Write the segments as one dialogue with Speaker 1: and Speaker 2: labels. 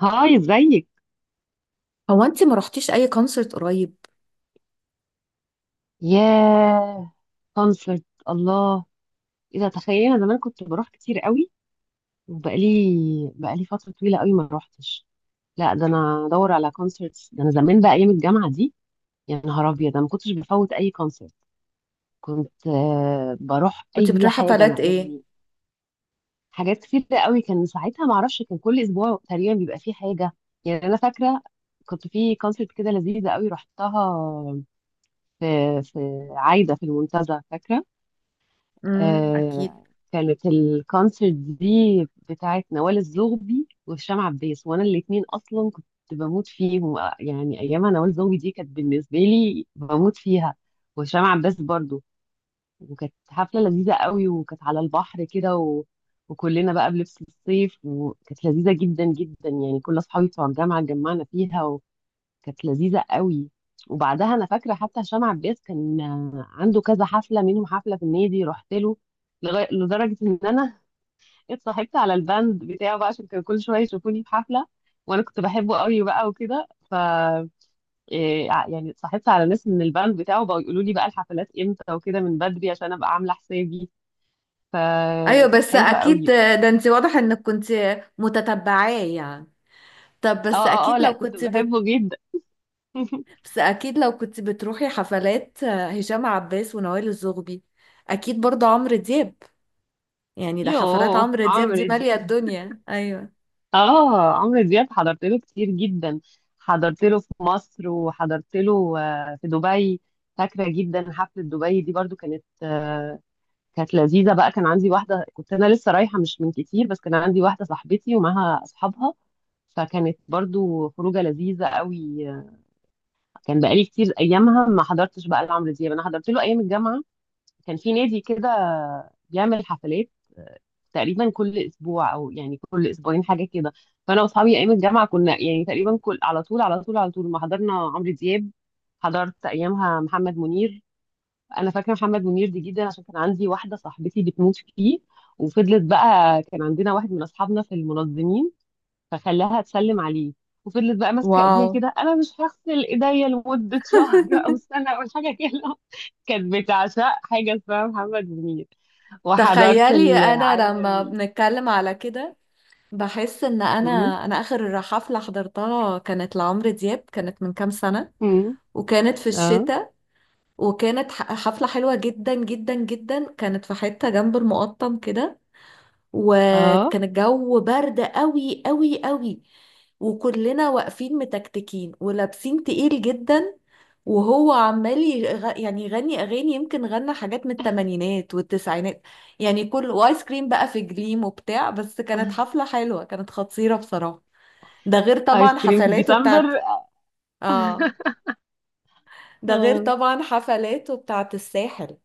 Speaker 1: هاي، ازيك.
Speaker 2: هو انت ما رحتيش اي كونسرت قريب؟
Speaker 1: ياه. كونسرت. الله. اذا تخيلنا زمان كنت بروح كتير قوي، وبقالي فتره طويله قوي ما روحتش. لا، ده انا ادور على كونسرتس، ده انا زمان بقى ايام الجامعه دي. يا نهار ابيض، ده ما كنتش بفوت اي كونسرت. كنت بروح
Speaker 2: كنت
Speaker 1: اي
Speaker 2: بتروحي
Speaker 1: حاجه انا
Speaker 2: حفلات ايه؟
Speaker 1: يعني. حاجات كتير قوي كان ساعتها، ما اعرفش، كان كل اسبوع تقريبا بيبقى فيه حاجه. يعني انا فاكره كنت في كونسرت كده لذيذه قوي رحتها في في عايده في المنتزه فاكره.
Speaker 2: اكيد.
Speaker 1: آه. كانت الكونسرت دي بتاعت نوال الزغبي وهشام عباس، وانا الاتنين اصلا كنت بموت فيهم. يعني ايامها نوال الزغبي دي كانت بالنسبه لي بموت فيها، وهشام عباس برضو. وكانت حفله لذيذه قوي، وكانت على البحر كده وكلنا بقى بلبس الصيف، وكانت لذيذه جدا جدا، يعني كل اصحابي بتوع الجامعه اتجمعنا فيها. كانت لذيذة قوي. وبعدها أنا فاكرة حتى هشام عباس كان عنده كذا حفلة، منهم حفلة في النادي رحت له. لغاية لدرجة إن أنا اتصاحبت على الباند بتاعه بقى عشان كان كل شوية يشوفوني في حفلة. وأنا كنت بحبه قوي بقى وكده. ف يعني اتصاحبت على ناس من الباند بتاعه بقوا يقولوا لي بقى الحفلات إمتى وكده من بدري عشان أبقى عاملة حسابي.
Speaker 2: ايوه،
Speaker 1: فكانت
Speaker 2: بس
Speaker 1: حلوة
Speaker 2: اكيد،
Speaker 1: قوي.
Speaker 2: ده انت واضح انك كنت متتبعاه يعني. طب
Speaker 1: اه،
Speaker 2: بس
Speaker 1: اه، اه،
Speaker 2: اكيد
Speaker 1: لا
Speaker 2: لو
Speaker 1: كنت
Speaker 2: كنت
Speaker 1: بحبه جدا.
Speaker 2: بس اكيد لو كنت بتروحي حفلات هشام عباس ونوال الزغبي، اكيد برضه عمرو دياب، يعني ده حفلات
Speaker 1: يوه،
Speaker 2: عمرو دياب
Speaker 1: عمرو
Speaker 2: دي مالية
Speaker 1: دي
Speaker 2: الدنيا. ايوه.
Speaker 1: اه عمرو دياب حضرت له كتير جدا. حضرت له في مصر، وحضرت له في دبي. فاكره جدا حفله دبي دي برضو، كانت لذيذه بقى. كان عندي واحده، كنت انا لسه رايحه مش من كتير، بس كان عندي واحده صاحبتي ومعاها اصحابها، فكانت برضو خروجه لذيذه قوي. كان بقالي كتير ايامها ما حضرتش بقى لعمرو دياب. انا حضرت له ايام الجامعه، كان في نادي كده بيعمل حفلات تقريبا كل اسبوع او يعني كل اسبوعين حاجه كده. فانا واصحابي ايام الجامعه كنا يعني تقريبا كل على طول على طول على طول ما حضرنا عمرو دياب. حضرت ايامها محمد منير. انا فاكره محمد منير دي جدا عشان كان عندي واحده صاحبتي بتموت فيه. وفضلت بقى، كان عندنا واحد من اصحابنا في المنظمين فخلاها تسلم عليه. وفضلت بقى ماسكه
Speaker 2: واو.
Speaker 1: ايديها كده، انا مش هغسل ايديا لمده شهر او سنه او حاجه كده. كانت بتعشق حاجه اسمها محمد منير. وحضرت
Speaker 2: تخيلي، انا لما
Speaker 1: العامر.
Speaker 2: بنتكلم على كده بحس ان انا
Speaker 1: مم.
Speaker 2: انا اخر حفلة حضرتها كانت لعمرو دياب، كانت من كام سنة.
Speaker 1: مم.
Speaker 2: وكانت في
Speaker 1: اه.
Speaker 2: الشتاء، وكانت حفلة حلوة جدا جدا جدا، كانت في حتة جنب المقطم كده،
Speaker 1: اه،
Speaker 2: وكان الجو برد قوي قوي قوي، وكلنا واقفين متكتكين ولابسين تقيل جدا، وهو عمال يعني يغني اغاني، يمكن غنى حاجات من الثمانينات والتسعينات، يعني كل وايس كريم بقى في جليم وبتاع، بس كانت حفلة حلوة، كانت خطيرة بصراحة. ده غير
Speaker 1: ايس
Speaker 2: طبعا
Speaker 1: كريم في
Speaker 2: حفلاته
Speaker 1: ديسمبر.
Speaker 2: بتاعت. اه. ده غير
Speaker 1: اه.
Speaker 2: طبعا حفلاته بتاعت الساحل،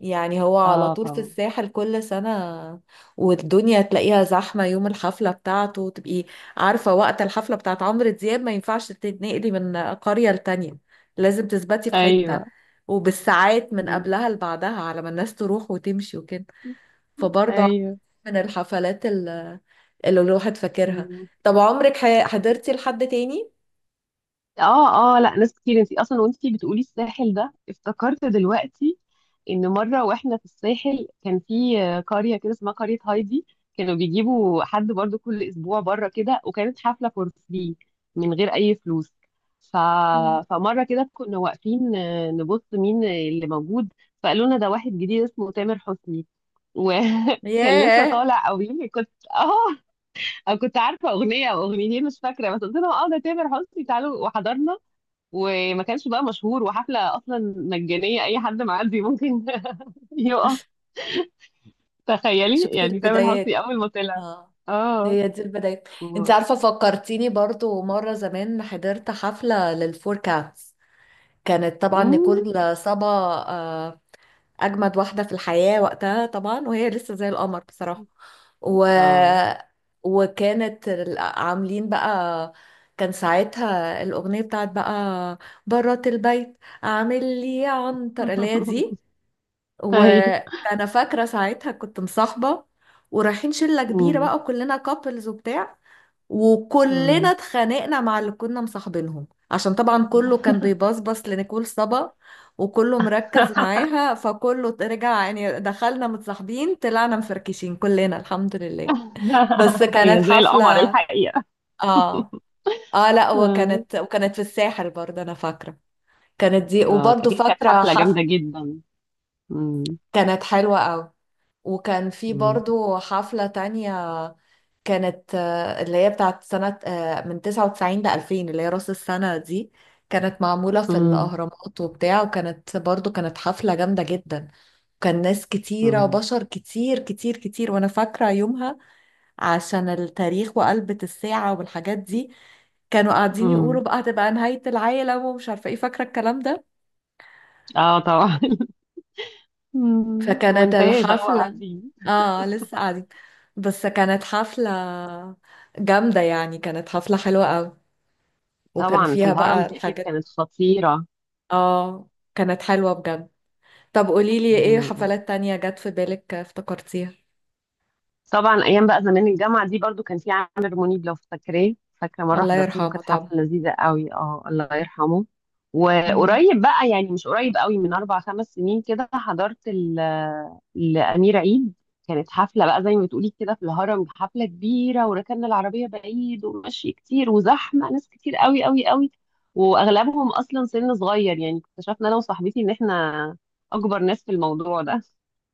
Speaker 2: يعني هو على
Speaker 1: اه،
Speaker 2: طول في
Speaker 1: طبعا.
Speaker 2: الساحل كل سنة، والدنيا تلاقيها زحمة يوم الحفلة بتاعته. تبقي عارفة وقت الحفلة بتاعت عمرو دياب ما ينفعش تتنقلي من قرية لتانية، لازم تثبتي في حتة
Speaker 1: ايوه.
Speaker 2: وبالساعات من
Speaker 1: مم.
Speaker 2: قبلها لبعدها على ما الناس تروح وتمشي وكده. فبرضه
Speaker 1: ايوه.
Speaker 2: من اللي الواحد فاكرها.
Speaker 1: مم.
Speaker 2: طب عمرك حضرتي لحد تاني؟
Speaker 1: اه، اه، لا، ناس كتير. انتي اصلا وانتي بتقولي الساحل ده، افتكرت دلوقتي ان مره واحنا في الساحل كان في قريه كده اسمها قريه هايدي. كانوا بيجيبوا حد برضو كل اسبوع بره كده، وكانت حفله فور فري، من غير اي فلوس. ف...
Speaker 2: مم.
Speaker 1: فمره كده كنا واقفين نبص مين اللي موجود. فقالوا لنا ده واحد جديد اسمه تامر حسني. وكان لسه
Speaker 2: ياه.
Speaker 1: طالع او يمكن كنت اه، أو كنت عارفه اغنيه او اغنيتين مش فاكره. بس قلت لهم اه، ده تامر حسني، تعالوا، وحضرنا. وما كانش بقى مشهور، وحفله اصلا مجانيه اي حد معدي ممكن يقف. تخيلي
Speaker 2: شوفي
Speaker 1: يعني تامر حسني
Speaker 2: البدايات.
Speaker 1: اول ما طلع.
Speaker 2: اه.
Speaker 1: اه.
Speaker 2: هي دي البداية. انت
Speaker 1: و-
Speaker 2: عارفة، فكرتيني برضو مرة زمان حضرت حفلة للفور كاتس، كانت طبعا
Speaker 1: مم.
Speaker 2: نيكول صبا، آه، أجمد واحدة في الحياة وقتها طبعا، وهي لسه زي القمر بصراحة. و...
Speaker 1: اه.
Speaker 2: وكانت عاملين بقى، كان ساعتها الأغنية بتاعت بقى برات البيت، عامل لي عنتر اللي هي دي.
Speaker 1: اي.
Speaker 2: وأنا فاكرة ساعتها كنت مصاحبة، ورايحين شلة كبيرة
Speaker 1: مم.
Speaker 2: بقى وكلنا كابلز وبتاع، وكلنا
Speaker 1: مم.
Speaker 2: اتخانقنا مع اللي كنا مصاحبينهم عشان طبعا كله كان بيبصبص لنيكول صبا وكله مركز معاها، فكله رجع يعني، دخلنا متصاحبين طلعنا مفركشين كلنا الحمد لله. بس كانت
Speaker 1: هي زي القمر
Speaker 2: حفلة.
Speaker 1: الحقيقة.
Speaker 2: اه، اه، لا،
Speaker 1: اه.
Speaker 2: وكانت في الساحل برضه انا فاكرة. كانت دي، وبرضه
Speaker 1: اكيد كانت
Speaker 2: فاكرة
Speaker 1: حفلة جامدة جدا. مم.
Speaker 2: كانت حلوة قوي. وكان في
Speaker 1: مم.
Speaker 2: برضو حفلة تانية، كانت اللي هي بتاعت سنة من 99 ل 2000، اللي هي رأس السنة دي، كانت معمولة في
Speaker 1: مم.
Speaker 2: الأهرامات وبتاع، وكانت برضو كانت حفلة جامدة جدا. كان ناس كتيرة
Speaker 1: مم.
Speaker 2: وبشر كتير كتير كتير، وأنا فاكرة يومها عشان التاريخ وقلبة الساعة والحاجات دي، كانوا قاعدين يقولوا
Speaker 1: مم.
Speaker 2: بقى هتبقى نهاية العالم ومش عارفة ايه، فاكرة الكلام ده.
Speaker 1: اه، طبعا. مم.
Speaker 2: فكانت
Speaker 1: وانتهي جو
Speaker 2: الحفلة،
Speaker 1: قاعدين.
Speaker 2: اه لسه قاعدين، بس كانت حفلة جامدة، يعني كانت حفلة حلوة قوي. وكان
Speaker 1: طبعا في
Speaker 2: فيها
Speaker 1: الهرم
Speaker 2: بقى
Speaker 1: دي اكيد
Speaker 2: الحاجات.
Speaker 1: كانت خطيرة.
Speaker 2: اه، كانت حلوة بجد. طب قوليلي، ايه
Speaker 1: مم.
Speaker 2: حفلات تانية جت في بالك افتكرتيها؟
Speaker 1: طبعا ايام بقى زمان الجامعه دي برضو كان في عامر منيب، لو فاكراه، فاكره مره
Speaker 2: الله
Speaker 1: حضرت له
Speaker 2: يرحمه
Speaker 1: كانت
Speaker 2: طبعا.
Speaker 1: حفله لذيذه قوي. اه، الله يرحمه.
Speaker 2: مم.
Speaker 1: وقريب بقى يعني مش قريب قوي، من 4 5 سنين كده، حضرت الامير عيد. كانت حفله بقى زي ما بتقولي كده في الهرم، حفله كبيره وركننا العربيه بعيد ومشي كتير وزحمه، ناس كتير قوي قوي قوي. واغلبهم اصلا سن صغير، يعني اكتشفنا انا وصاحبتي ان احنا اكبر ناس في الموضوع ده.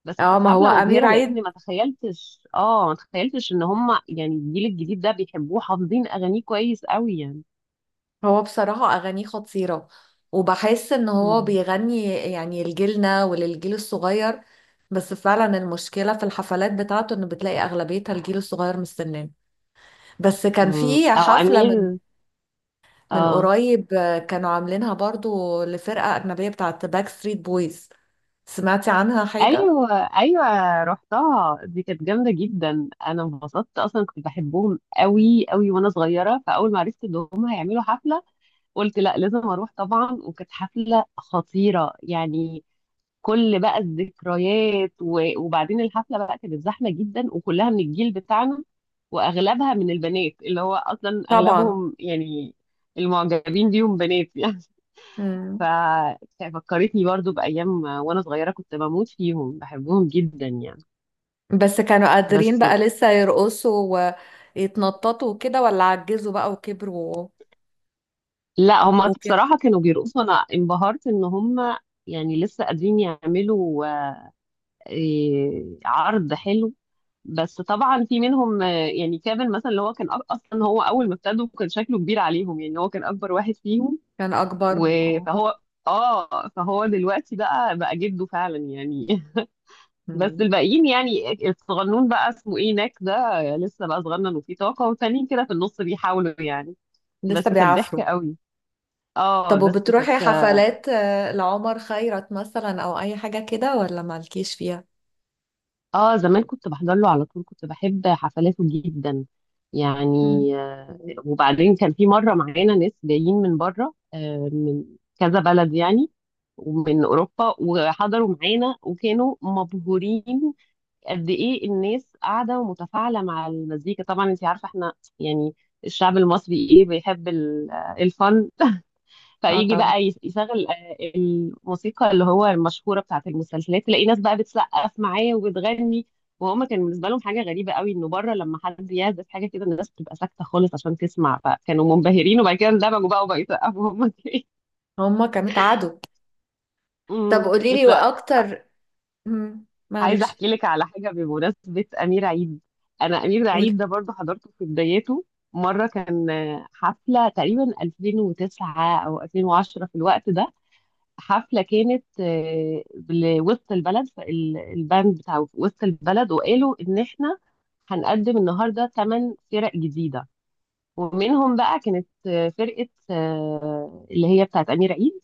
Speaker 1: بس
Speaker 2: اه،
Speaker 1: كانت
Speaker 2: ما هو
Speaker 1: حفلة
Speaker 2: أمير
Speaker 1: مبهرة لأني
Speaker 2: عيد،
Speaker 1: ما تخيلتش. اه، ما تخيلتش إن هم يعني الجيل الجديد ده بيحبوه، حافظين أغانيه كويس قوي يعني.
Speaker 2: هو بصراحة أغانيه خطيرة، وبحس ان هو
Speaker 1: مم.
Speaker 2: بيغني يعني لجيلنا وللجيل الصغير، بس فعلا المشكلة في الحفلات بتاعته ان بتلاقي أغلبيتها الجيل الصغير مستناه. بس كان
Speaker 1: مم.
Speaker 2: في
Speaker 1: أو
Speaker 2: حفلة من
Speaker 1: أمير. اه.
Speaker 2: قريب، كانوا عاملينها برضو لفرقة أجنبية بتاعت باك ستريت بويز، سمعتي عنها حاجة؟
Speaker 1: أيوه، أيوه، رحتها دي، كانت جامدة جدا. أنا انبسطت، أصلا كنت بحبهم قوي قوي وأنا صغيرة، فأول ما عرفت إن هم هيعملوا حفلة قلت لا، لازم أروح طبعا، وكانت حفلة خطيرة يعني. كل بقى الذكريات. وبعدين الحفله بقى كانت زحمه جدا وكلها من الجيل بتاعنا. واغلبها من البنات، اللي هو اصلا
Speaker 2: طبعا.
Speaker 1: اغلبهم يعني المعجبين بيهم بنات يعني. ف-
Speaker 2: مم.
Speaker 1: ففكرتني برضو بايام وانا صغيره كنت بموت فيهم بحبهم جدا يعني.
Speaker 2: بس كانوا قادرين
Speaker 1: بس
Speaker 2: بقى لسه يرقصوا ويتنططوا وكده، ولا عجزوا بقى وكبروا
Speaker 1: لا، هما
Speaker 2: وكده؟
Speaker 1: بصراحه كانوا بيرقصوا، انا انبهرت ان هما يعني لسه قادرين يعملوا عرض حلو. بس طبعا في منهم يعني كيفن مثلا، اللي هو كان اصلا هو اول ما ابتدوا كان شكله كبير عليهم، يعني هو كان اكبر واحد فيهم.
Speaker 2: كان أكبرهم، اه.
Speaker 1: فهو. اه فهو دلوقتي بقى جده فعلا يعني. بس
Speaker 2: مم.
Speaker 1: الباقيين يعني الصغنون بقى اسمه ايه، ناك ده لسه بقى صغنن وفيه طاقة، والتانيين كده في النص بيحاولوا يعني.
Speaker 2: لسه
Speaker 1: بس كانت
Speaker 2: بيعافروا.
Speaker 1: ضحكة قوي. اه،
Speaker 2: طب
Speaker 1: بس كانت.
Speaker 2: وبتروحي حفلات لعمر خيرت مثلا أو أي حاجة كده، ولا مالكيش فيها؟
Speaker 1: اه، زمان كنت بحضر له على طول، كنت بحب حفلاته جدا يعني.
Speaker 2: مم.
Speaker 1: آه، وبعدين كان في مرة معانا ناس جايين من بره، من كذا بلد يعني، ومن أوروبا، وحضروا معانا وكانوا مبهورين قد إيه الناس قاعدة ومتفاعلة مع المزيكا. طبعا أنت عارفة احنا يعني الشعب المصري إيه، بيحب الفن.
Speaker 2: اه
Speaker 1: فيجي
Speaker 2: طبعا.
Speaker 1: بقى يشغل الموسيقى اللي هو المشهوره بتاعت المسلسلات، تلاقي ناس بقى بتسقف معاه وبتغني. وهما كان بالنسبه لهم حاجه غريبه قوي انه بره لما حد يعزف حاجه كده الناس بتبقى ساكته خالص عشان تسمع، فكانوا منبهرين وبعد كده اندمجوا بقى وبقوا يسقفوا هما كمان.
Speaker 2: هما كانوا اتعادوا. طب
Speaker 1: أمم.
Speaker 2: قوليلي
Speaker 1: بس لا،
Speaker 2: وأكتر. مم.
Speaker 1: عايزه
Speaker 2: معلش.
Speaker 1: احكي لك على حاجه بمناسبه امير عيد. انا امير
Speaker 2: قولي.
Speaker 1: عيد ده برضه حضرته في بدايته. مره كان حفله تقريبا 2009 او 2010 في الوقت ده. حفلة كانت لوسط البلد، فالباند بتاع وسط البلد وقالوا إن إحنا هنقدم النهاردة 8 فرق جديدة. ومنهم بقى كانت فرقة اللي هي بتاعت أمير عيد.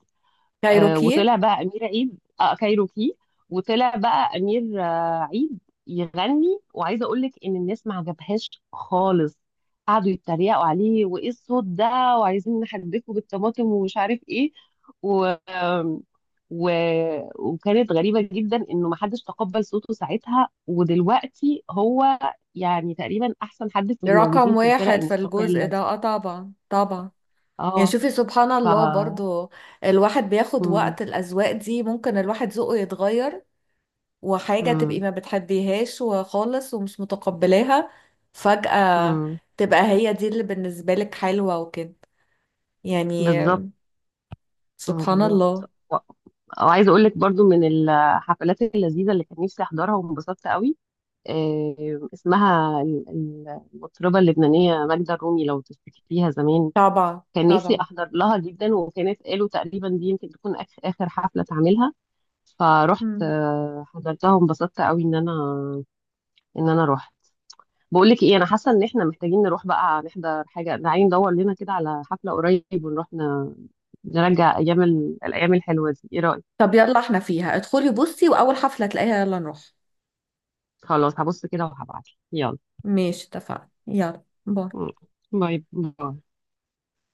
Speaker 2: كايروكي
Speaker 1: وطلع بقى أمير عيد كايروكي. وطلع بقى أمير عيد يغني. وعايزة أقول لك إن الناس ما عجبهاش خالص، قعدوا يتريقوا عليه وإيه الصوت ده، وعايزين نحدفه بالطماطم ومش عارف إيه. و... وكانت غريبة جدا انه محدش تقبل صوته ساعتها، ودلوقتي هو يعني تقريبا احسن حد في
Speaker 2: رقم
Speaker 1: الموجودين في الفرق
Speaker 2: واحد في الجزء
Speaker 1: المستقلة
Speaker 2: ده،
Speaker 1: دي.
Speaker 2: اه طبعا، طبعا. يعني
Speaker 1: اه.
Speaker 2: شوفي سبحان
Speaker 1: ف
Speaker 2: الله برضو، الواحد بياخد
Speaker 1: مم.
Speaker 2: وقت، الأذواق دي ممكن الواحد ذوقه يتغير، وحاجة تبقي
Speaker 1: مم.
Speaker 2: ما بتحبيهاش وخالص ومش متقبلاها، فجأة
Speaker 1: مم.
Speaker 2: تبقى هي دي اللي بالنسبة لك حلوة وكده يعني.
Speaker 1: بالظبط. مم.
Speaker 2: سبحان
Speaker 1: بالظبط.
Speaker 2: الله.
Speaker 1: و- وعايزة اقول لك برضو من الحفلات اللذيذة اللي كان نفسي احضرها وانبسطت قوي. اسمها المطربة اللبنانية ماجدة الرومي، لو تفتكريها زمان.
Speaker 2: طبعا،
Speaker 1: كان نفسي
Speaker 2: طبعا.
Speaker 1: احضر لها جدا، وكانت قالوا تقريبا دي يمكن تكون اخر حفله تعملها. فروحت
Speaker 2: مم.
Speaker 1: حضرتها وانبسطت قوي ان انا. رحت. بقول لك ايه، انا حاسه ان احنا محتاجين نروح بقى نحضر حاجه، تعالي ندور لنا كده على حفله قريب ونروح نرجع ايام الايام الحلوه دي، ايه رايك؟
Speaker 2: طب يلا احنا فيها، ادخلي بصي وأول حفلة تلاقيها يلا نروح.
Speaker 1: خلاص، هبص كده وهبعت. يلا.
Speaker 2: ماشي اتفقنا، يلا باي.
Speaker 1: م. باي باي.